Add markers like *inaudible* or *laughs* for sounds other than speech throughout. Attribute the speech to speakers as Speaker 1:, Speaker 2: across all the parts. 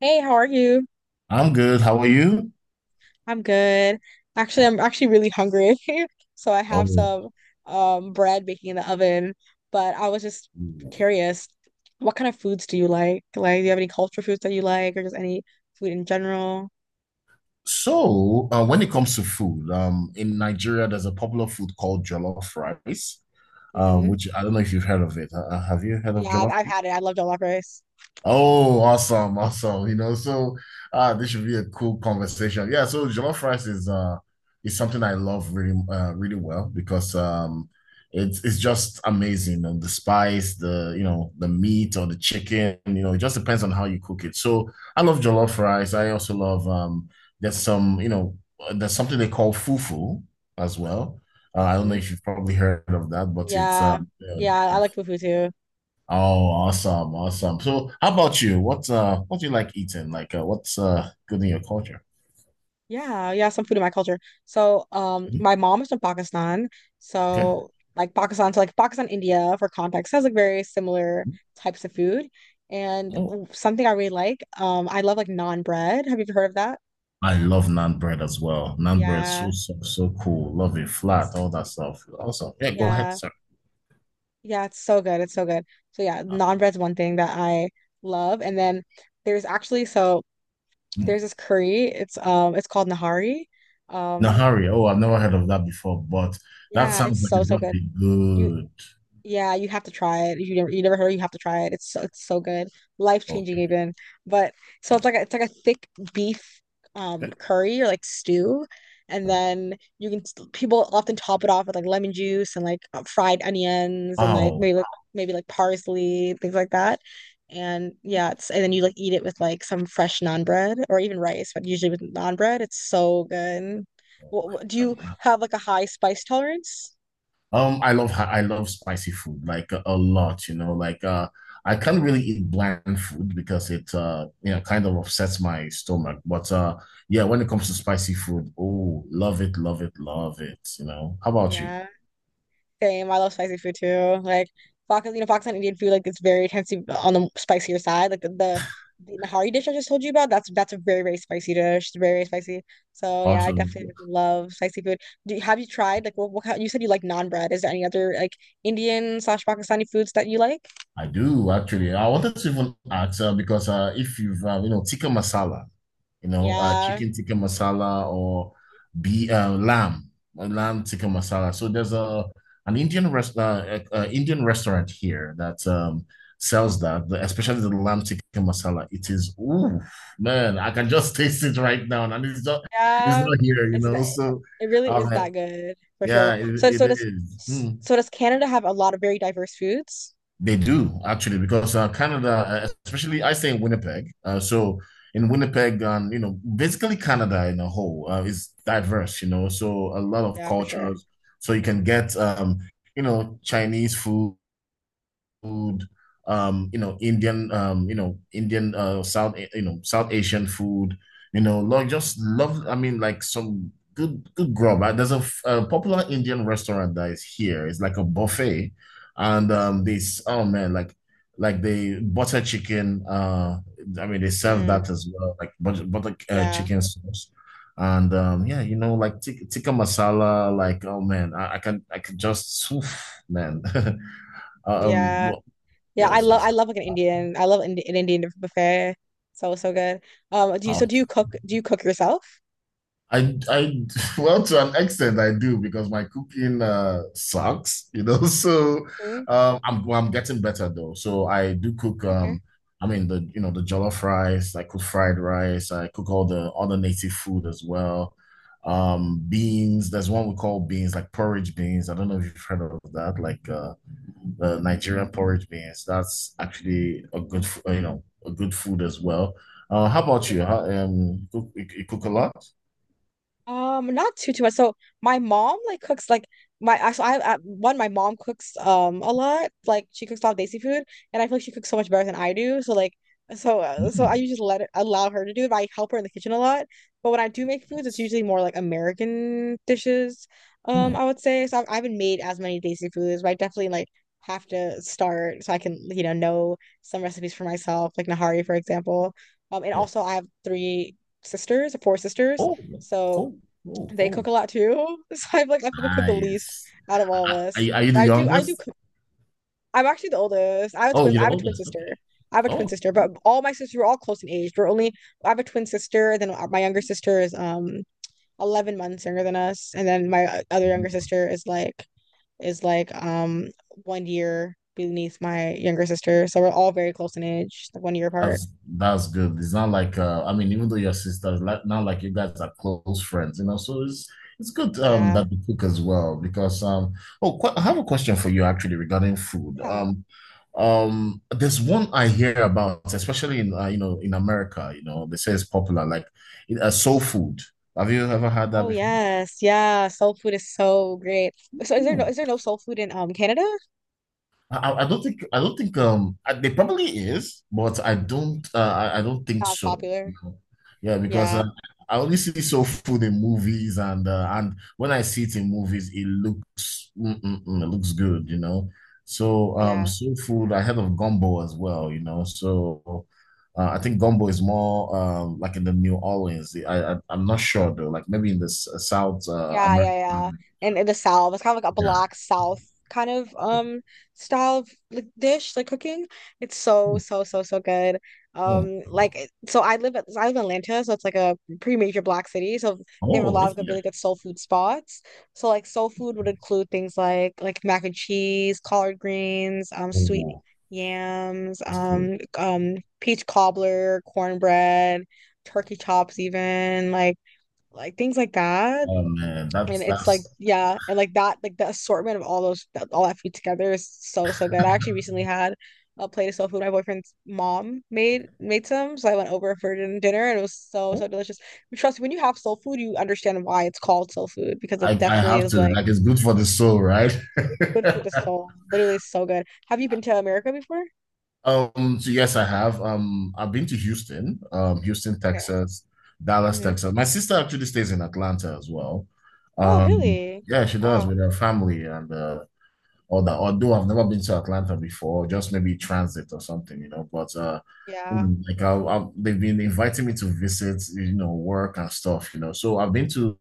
Speaker 1: Hey, how are you?
Speaker 2: I'm good. How are you?
Speaker 1: I'm good. Actually, I'm actually really hungry. *laughs* So I have
Speaker 2: Oh,
Speaker 1: some bread baking in the oven, but I was just curious, what kind of foods do you like? Like, do you have any culture foods that you like or just any food in general?
Speaker 2: so when it comes to food, in Nigeria, there's a popular food called jollof rice,
Speaker 1: Hmm.
Speaker 2: which I don't know if you've heard of it. Have you heard of
Speaker 1: Yeah, I've,
Speaker 2: jollof?
Speaker 1: I've had it. I love jollof rice.
Speaker 2: Oh, awesome, awesome. You know, so this should be a cool conversation. Yeah, so jollof rice is something I love really really well because it's just amazing and the spice, the you know, the meat or the chicken, you know, it just depends on how you cook it. So I love jollof rice. I also love there's some, you know, there's something they call fufu as well. I don't know
Speaker 1: Hmm.
Speaker 2: if you've probably heard of that, but it's
Speaker 1: Yeah. Yeah,
Speaker 2: yeah.
Speaker 1: I like fufu too.
Speaker 2: Oh, awesome, awesome. So, how about you? What do you like eating? Like, what's good in your culture?
Speaker 1: Yeah, yeah, some food in my culture. So,
Speaker 2: Hmm.
Speaker 1: my mom is from Pakistan.
Speaker 2: Okay.
Speaker 1: So like Pakistan, India, for context, has like very similar types of food. And
Speaker 2: Oh,
Speaker 1: something I really like, I love like naan bread. Have you heard of that?
Speaker 2: I love naan bread as well. Naan bread, so
Speaker 1: Yeah,
Speaker 2: soft, so cool. Love it, flat, all that stuff. Awesome. Yeah, go ahead,
Speaker 1: yeah,
Speaker 2: sir.
Speaker 1: yeah. It's so good. It's so good. So yeah,
Speaker 2: Uh,
Speaker 1: naan bread's one thing that I love. And then there's actually so
Speaker 2: hmm.
Speaker 1: there's this curry. It's called Nahari. Um,
Speaker 2: Nahari. Oh, I've never heard of that before, but that
Speaker 1: yeah,
Speaker 2: sounds
Speaker 1: it's
Speaker 2: like
Speaker 1: so
Speaker 2: it's
Speaker 1: so
Speaker 2: gonna
Speaker 1: good.
Speaker 2: be
Speaker 1: You
Speaker 2: good.
Speaker 1: Yeah, you have to try it. If you never heard, you have to try it. It's so good. Life-changing
Speaker 2: Okay.
Speaker 1: even. But so it's like a thick beef
Speaker 2: Okay.
Speaker 1: curry or like stew. And then you can people often top it off with like lemon juice and like fried onions and like
Speaker 2: Wow.
Speaker 1: maybe like parsley, things like that. And yeah, it's and then you like eat it with like some fresh naan bread or even rice, but usually with naan bread, it's so good.
Speaker 2: Oh,
Speaker 1: What,
Speaker 2: my
Speaker 1: what, do
Speaker 2: God.
Speaker 1: you have like a high spice tolerance?
Speaker 2: I love spicy food like a lot, you know. Like I can't really eat bland food because it you know kind of upsets my stomach. But yeah, when it comes to spicy food, oh, love it, love it, love it, you know. How about you?
Speaker 1: Yeah. Same. I love spicy food too. Like Pakistan Indian food like it's very tends to be on the spicier side. Like the, the Nahari dish I just told you about, that's a very very spicy dish. It's very very spicy. So yeah, I
Speaker 2: Awesome.
Speaker 1: definitely love spicy food. Have you tried like what kind, you said you like naan bread? Is there any other like Indian slash Pakistani foods that you like?
Speaker 2: I do actually. I wanted to even ask because if you've you know tikka masala, you know
Speaker 1: Yeah,
Speaker 2: chicken tikka masala or be lamb lamb tikka masala. So there's a an Indian rest Indian restaurant here that sells that, especially the lamb tikka masala. It is ooh man, I can just *laughs* taste it right now, and it's
Speaker 1: yeah.
Speaker 2: not here, you
Speaker 1: It's th-
Speaker 2: know. So
Speaker 1: it really
Speaker 2: um,
Speaker 1: is that good for sure.
Speaker 2: yeah,
Speaker 1: So
Speaker 2: it
Speaker 1: so does
Speaker 2: is. Hmm.
Speaker 1: so does Canada have a lot of very diverse foods?
Speaker 2: They do actually because Canada, especially I stay in Winnipeg. So in Winnipeg, you know, basically Canada in a whole is diverse. You know, so a lot of
Speaker 1: Yeah, for sure.
Speaker 2: cultures. So you can get you know, Chinese food, um, you know, Indian, you know, Indian, you know, South Asian food, you know, like just love. I mean, like some good, good grub. There's a, a popular Indian restaurant that is here. It's like a buffet, and
Speaker 1: Mm-hmm.
Speaker 2: this oh man, like the butter chicken. I mean, they serve
Speaker 1: Mm,
Speaker 2: that as well, like butter
Speaker 1: yeah,
Speaker 2: chicken sauce. And yeah, you know, like tikka masala, like oh man, I can just, oof, man. *laughs* Um,
Speaker 1: yeah. Yeah, I
Speaker 2: Yes,
Speaker 1: love I
Speaker 2: that's
Speaker 1: love like an Indian. I love Indi an Indian buffet. So good. Do you so do you cook yourself?
Speaker 2: I, I, *laughs* well, to an extent, I do because my cooking sucks, you know. *laughs* So,
Speaker 1: Mm,
Speaker 2: I'm well, I'm getting better though. So I do cook.
Speaker 1: okay.
Speaker 2: I mean the you know the jollof rice. I cook fried rice. I cook all the other native food as well. Beans. There's one we call beans, like porridge beans. I don't know if you've heard of that. Like the Nigerian porridge beans. That's actually a good, you know, a good food as well. How about
Speaker 1: Ooh.
Speaker 2: you? You cook a lot?
Speaker 1: Not too much. So my mom like cooks like my actually I one my mom cooks a lot. Like she cooks a lot of Desi food, and I feel like she cooks so much better than I do. So I
Speaker 2: Mm,
Speaker 1: usually let it allow her to do it. But I help her in the kitchen a lot. But when I do make foods, it's
Speaker 2: that's,
Speaker 1: usually more like American dishes.
Speaker 2: hmm,
Speaker 1: I would say so. I haven't made as many Desi foods, but I definitely like have to start so I can know some recipes for myself, like Nahari for example. And
Speaker 2: yeah.
Speaker 1: also I have four sisters.
Speaker 2: Oh,
Speaker 1: So
Speaker 2: cool, cool,
Speaker 1: they cook
Speaker 2: cool.
Speaker 1: a lot too. *laughs* So I'm like I probably cook the least
Speaker 2: Nice.
Speaker 1: out of all of
Speaker 2: Are,
Speaker 1: us.
Speaker 2: are you the
Speaker 1: But I do
Speaker 2: youngest?
Speaker 1: cook. I'm actually the oldest. I have a
Speaker 2: Oh,
Speaker 1: twin
Speaker 2: you're
Speaker 1: I
Speaker 2: the
Speaker 1: have a twin
Speaker 2: oldest.
Speaker 1: sister.
Speaker 2: Okay.
Speaker 1: I have a twin
Speaker 2: Oh.
Speaker 1: sister, but all my sisters were all close in age. We're only I have a twin sister, and then my younger sister is 11 months younger than us, and then my other younger
Speaker 2: Mm-hmm.
Speaker 1: sister is like is like one year beneath my younger sister. So we're all very close in age, like one year apart.
Speaker 2: That's that's good. It's not like I mean, even though your sisters, like not like you guys are close friends, you know. So it's good
Speaker 1: Yeah.
Speaker 2: that you cook as well because oh qu I have a question for you actually regarding food.
Speaker 1: Yeah.
Speaker 2: There's one I hear about, especially in you know in America, you know, they say it's popular like soul food. Have you ever had that
Speaker 1: Oh yes. Yeah. Soul food is so great. So is there no
Speaker 2: before?
Speaker 1: is there no soul food in Canada?
Speaker 2: I don't think there probably is, but I don't I don't think
Speaker 1: Not as
Speaker 2: so.
Speaker 1: popular.
Speaker 2: No. Yeah, because
Speaker 1: Yeah,
Speaker 2: I only see soul food in movies, and when I see it in movies, it looks mm, mm, mm, it looks good, you know. So
Speaker 1: yeah,
Speaker 2: soul food, I heard of gumbo as well, you know. So I think gumbo is more like in the New Orleans. I'm not sure though, like maybe in the South
Speaker 1: yeah,
Speaker 2: America.
Speaker 1: yeah, yeah. And in the South, it's kind of like a
Speaker 2: Yeah.
Speaker 1: black South kind of style of like dish, like cooking. It's so, so, so, so good.
Speaker 2: Oh,
Speaker 1: Like, so I live in Atlanta, so it's like a pretty major black city. So they have a
Speaker 2: oh,
Speaker 1: lot
Speaker 2: that's-
Speaker 1: of good,
Speaker 2: yeah.
Speaker 1: really good soul food spots. So like soul food would include things like mac and cheese, collard greens, sweet
Speaker 2: Oh,
Speaker 1: yams,
Speaker 2: that's cool.
Speaker 1: peach cobbler, cornbread turkey chops even like things like that.
Speaker 2: Oh man,
Speaker 1: And it's like,
Speaker 2: that's
Speaker 1: yeah, and like that, like the assortment of all those, all that food together is so, so good. I actually recently had a plate of soul food my boyfriend's mom made some, so I went over for dinner, and it was so, so delicious. But trust me, when you have soul food, you understand why it's called soul food because it
Speaker 2: I
Speaker 1: definitely
Speaker 2: have
Speaker 1: is
Speaker 2: to
Speaker 1: like
Speaker 2: like it's good for the soul, right? *laughs*
Speaker 1: good for the soul. Literally, it's so good. Have you been to America before?
Speaker 2: So yes, I have. I've been to Houston, Houston,
Speaker 1: Okay.
Speaker 2: Texas, Dallas,
Speaker 1: Hmm.
Speaker 2: Texas. My sister actually stays in Atlanta as well.
Speaker 1: Oh,
Speaker 2: Um,
Speaker 1: really?
Speaker 2: yeah, she does
Speaker 1: Wow.
Speaker 2: with her family, and or that although I've never been to Atlanta before, just maybe transit or something, you know. But you
Speaker 1: Yeah.
Speaker 2: know, like they've been inviting me to visit, you know, work and stuff, you know. So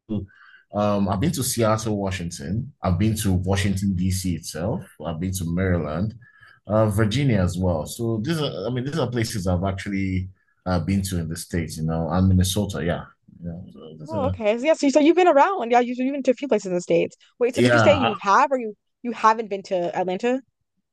Speaker 2: I've been to Seattle, Washington. I've been to
Speaker 1: Mhm.
Speaker 2: Washington D.C. itself. I've been to Maryland,
Speaker 1: Mhm.
Speaker 2: Virginia as well. So these are, I mean, these are places I've actually been to in the States, you know, and Minnesota. Yeah, yeah. So these
Speaker 1: Oh,
Speaker 2: are-
Speaker 1: okay. So, yeah, so you've been around. Yeah, so you've been to a few places in the States. Wait, so did you say
Speaker 2: yeah,
Speaker 1: you have or you haven't been to Atlanta?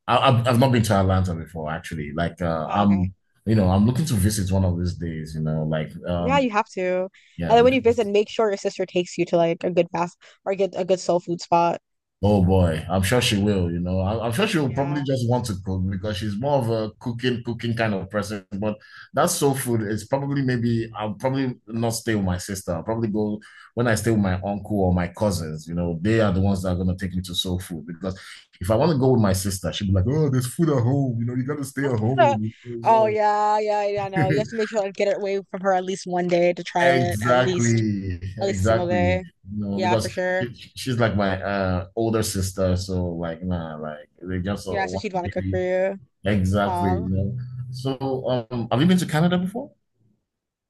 Speaker 2: I've not been to Atlanta before, actually. Like,
Speaker 1: Oh, okay.
Speaker 2: I'm, you know, I'm looking to visit one of these days, you know, like,
Speaker 1: Yeah, you have to.
Speaker 2: yeah,
Speaker 1: And then when you visit,
Speaker 2: because,
Speaker 1: make sure your sister takes you to like a good fast or get a good soul food spot.
Speaker 2: oh boy, I'm sure she will, you know, I'm sure she'll probably
Speaker 1: Yeah.
Speaker 2: just want to cook because she's more of a cooking kind of person. But that's soul food. It's probably maybe I'll probably not stay with my sister. I'll probably go when I stay with my uncle or my cousins, you know, they are the ones that are going to take me to soul food because if I want to go with my sister, she'll be like, oh, there's food at home, you know, you got to stay at
Speaker 1: *laughs*
Speaker 2: home. *laughs*
Speaker 1: Oh
Speaker 2: So.
Speaker 1: yeah, yeah, yeah.
Speaker 2: *laughs*
Speaker 1: No, you have to make sure like get it away from her at least one day to try it, at least
Speaker 2: Exactly,
Speaker 1: at least a single
Speaker 2: exactly.
Speaker 1: day.
Speaker 2: No,
Speaker 1: Yeah, for
Speaker 2: because
Speaker 1: sure.
Speaker 2: she's like my older sister, so like nah, like they just
Speaker 1: Yeah, so
Speaker 2: want
Speaker 1: she'd
Speaker 2: to
Speaker 1: want to cook for
Speaker 2: be
Speaker 1: you.
Speaker 2: exactly,
Speaker 1: Um,
Speaker 2: you know. So have you been to Canada before?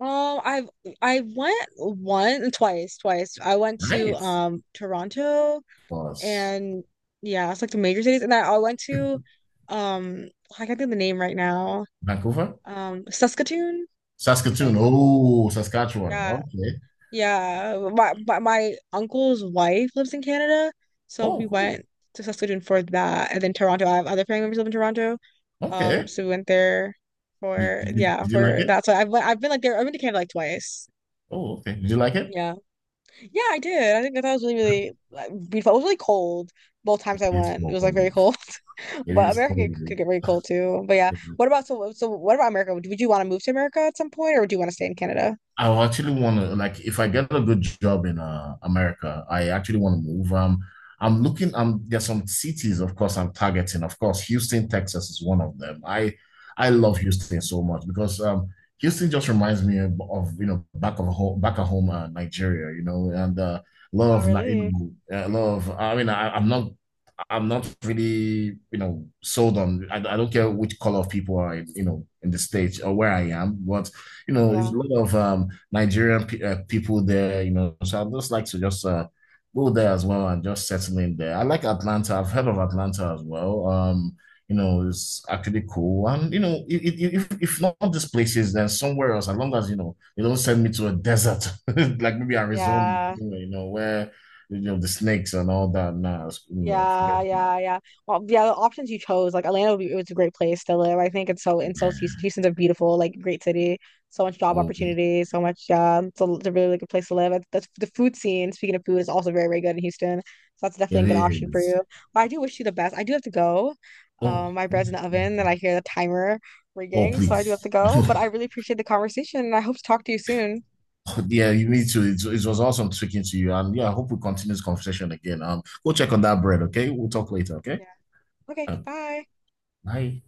Speaker 1: Oh, I went twice. I went to
Speaker 2: Nice.
Speaker 1: Toronto
Speaker 2: Plus
Speaker 1: and yeah, it's like the major cities. And I went to I can't think of the name right now.
Speaker 2: Vancouver,
Speaker 1: Saskatoon, I
Speaker 2: Saskatoon.
Speaker 1: think.
Speaker 2: Oh, Saskatchewan.
Speaker 1: Yeah.
Speaker 2: Okay.
Speaker 1: Yeah. My uncle's wife lives in Canada, so
Speaker 2: Oh,
Speaker 1: we
Speaker 2: cool.
Speaker 1: went to Saskatoon for that. And then Toronto. I have other family members live in Toronto. Um,
Speaker 2: Okay.
Speaker 1: so we went there for yeah,
Speaker 2: Did you like
Speaker 1: for
Speaker 2: it?
Speaker 1: that. So I've been like there, I've been to Canada like twice.
Speaker 2: Oh, okay. Did you like it?
Speaker 1: Yeah. Yeah, I did. I think that was really, really like, beautiful. It was really cold both times
Speaker 2: It
Speaker 1: I
Speaker 2: is
Speaker 1: went. It was like very
Speaker 2: cold.
Speaker 1: cold, *laughs*
Speaker 2: It
Speaker 1: but
Speaker 2: is
Speaker 1: America could,
Speaker 2: cold.
Speaker 1: could get very cold too. But yeah, what about so so? What about America? Would you want to move to America at some point, or do you want to stay in Canada?
Speaker 2: I will actually want to like if I get a good job in America, I actually want to move. I'm looking. There's some cities, of course, I'm targeting. Of course, Houston, Texas is one of them. I love Houston so much because Houston just reminds me of, you know back of home, back at home, Nigeria. You know, and a lot
Speaker 1: Oh,
Speaker 2: of you
Speaker 1: really?
Speaker 2: know, a lot of. I mean, I'm not really, you know, sold on. I don't care which color of people are, in, you know, in the states or where I am, but you know, there's
Speaker 1: Yeah.
Speaker 2: a lot of Nigerian pe people there, you know. So I just like to just go there as well and just settle in there. I like Atlanta. I've heard of Atlanta as well. You know, it's actually cool. And you know, if not these places, then somewhere else. As long as you know, they don't send me to a desert *laughs* like maybe Arizona,
Speaker 1: Yeah.
Speaker 2: you know, where you know, the snakes and all that now. You know, forget
Speaker 1: Yeah,
Speaker 2: it.
Speaker 1: yeah, yeah. Well, yeah, the options you chose, like Atlanta it's a great place to live. I think it's so in so
Speaker 2: Yeah.
Speaker 1: Houston. Houston's a beautiful, like great city. So much job
Speaker 2: Oh, it
Speaker 1: opportunity, so much yeah. It's a really, really good place to live. That's the food scene, speaking of food, is also very, very good in Houston. So that's definitely a good option for
Speaker 2: is.
Speaker 1: you. But I do wish you the best. I do have to go.
Speaker 2: Oh,
Speaker 1: My bread's in
Speaker 2: yeah.
Speaker 1: the oven and I hear the timer
Speaker 2: Oh,
Speaker 1: ringing, so I do have
Speaker 2: please.
Speaker 1: to go. But I
Speaker 2: *laughs*
Speaker 1: really appreciate the conversation and I hope to talk to you soon.
Speaker 2: Yeah, you need to. It was awesome speaking to you, and yeah, I hope we continue this conversation again. Go check on that bread, okay? We'll talk later, okay?
Speaker 1: Yeah. Okay,
Speaker 2: Um,
Speaker 1: bye.
Speaker 2: bye.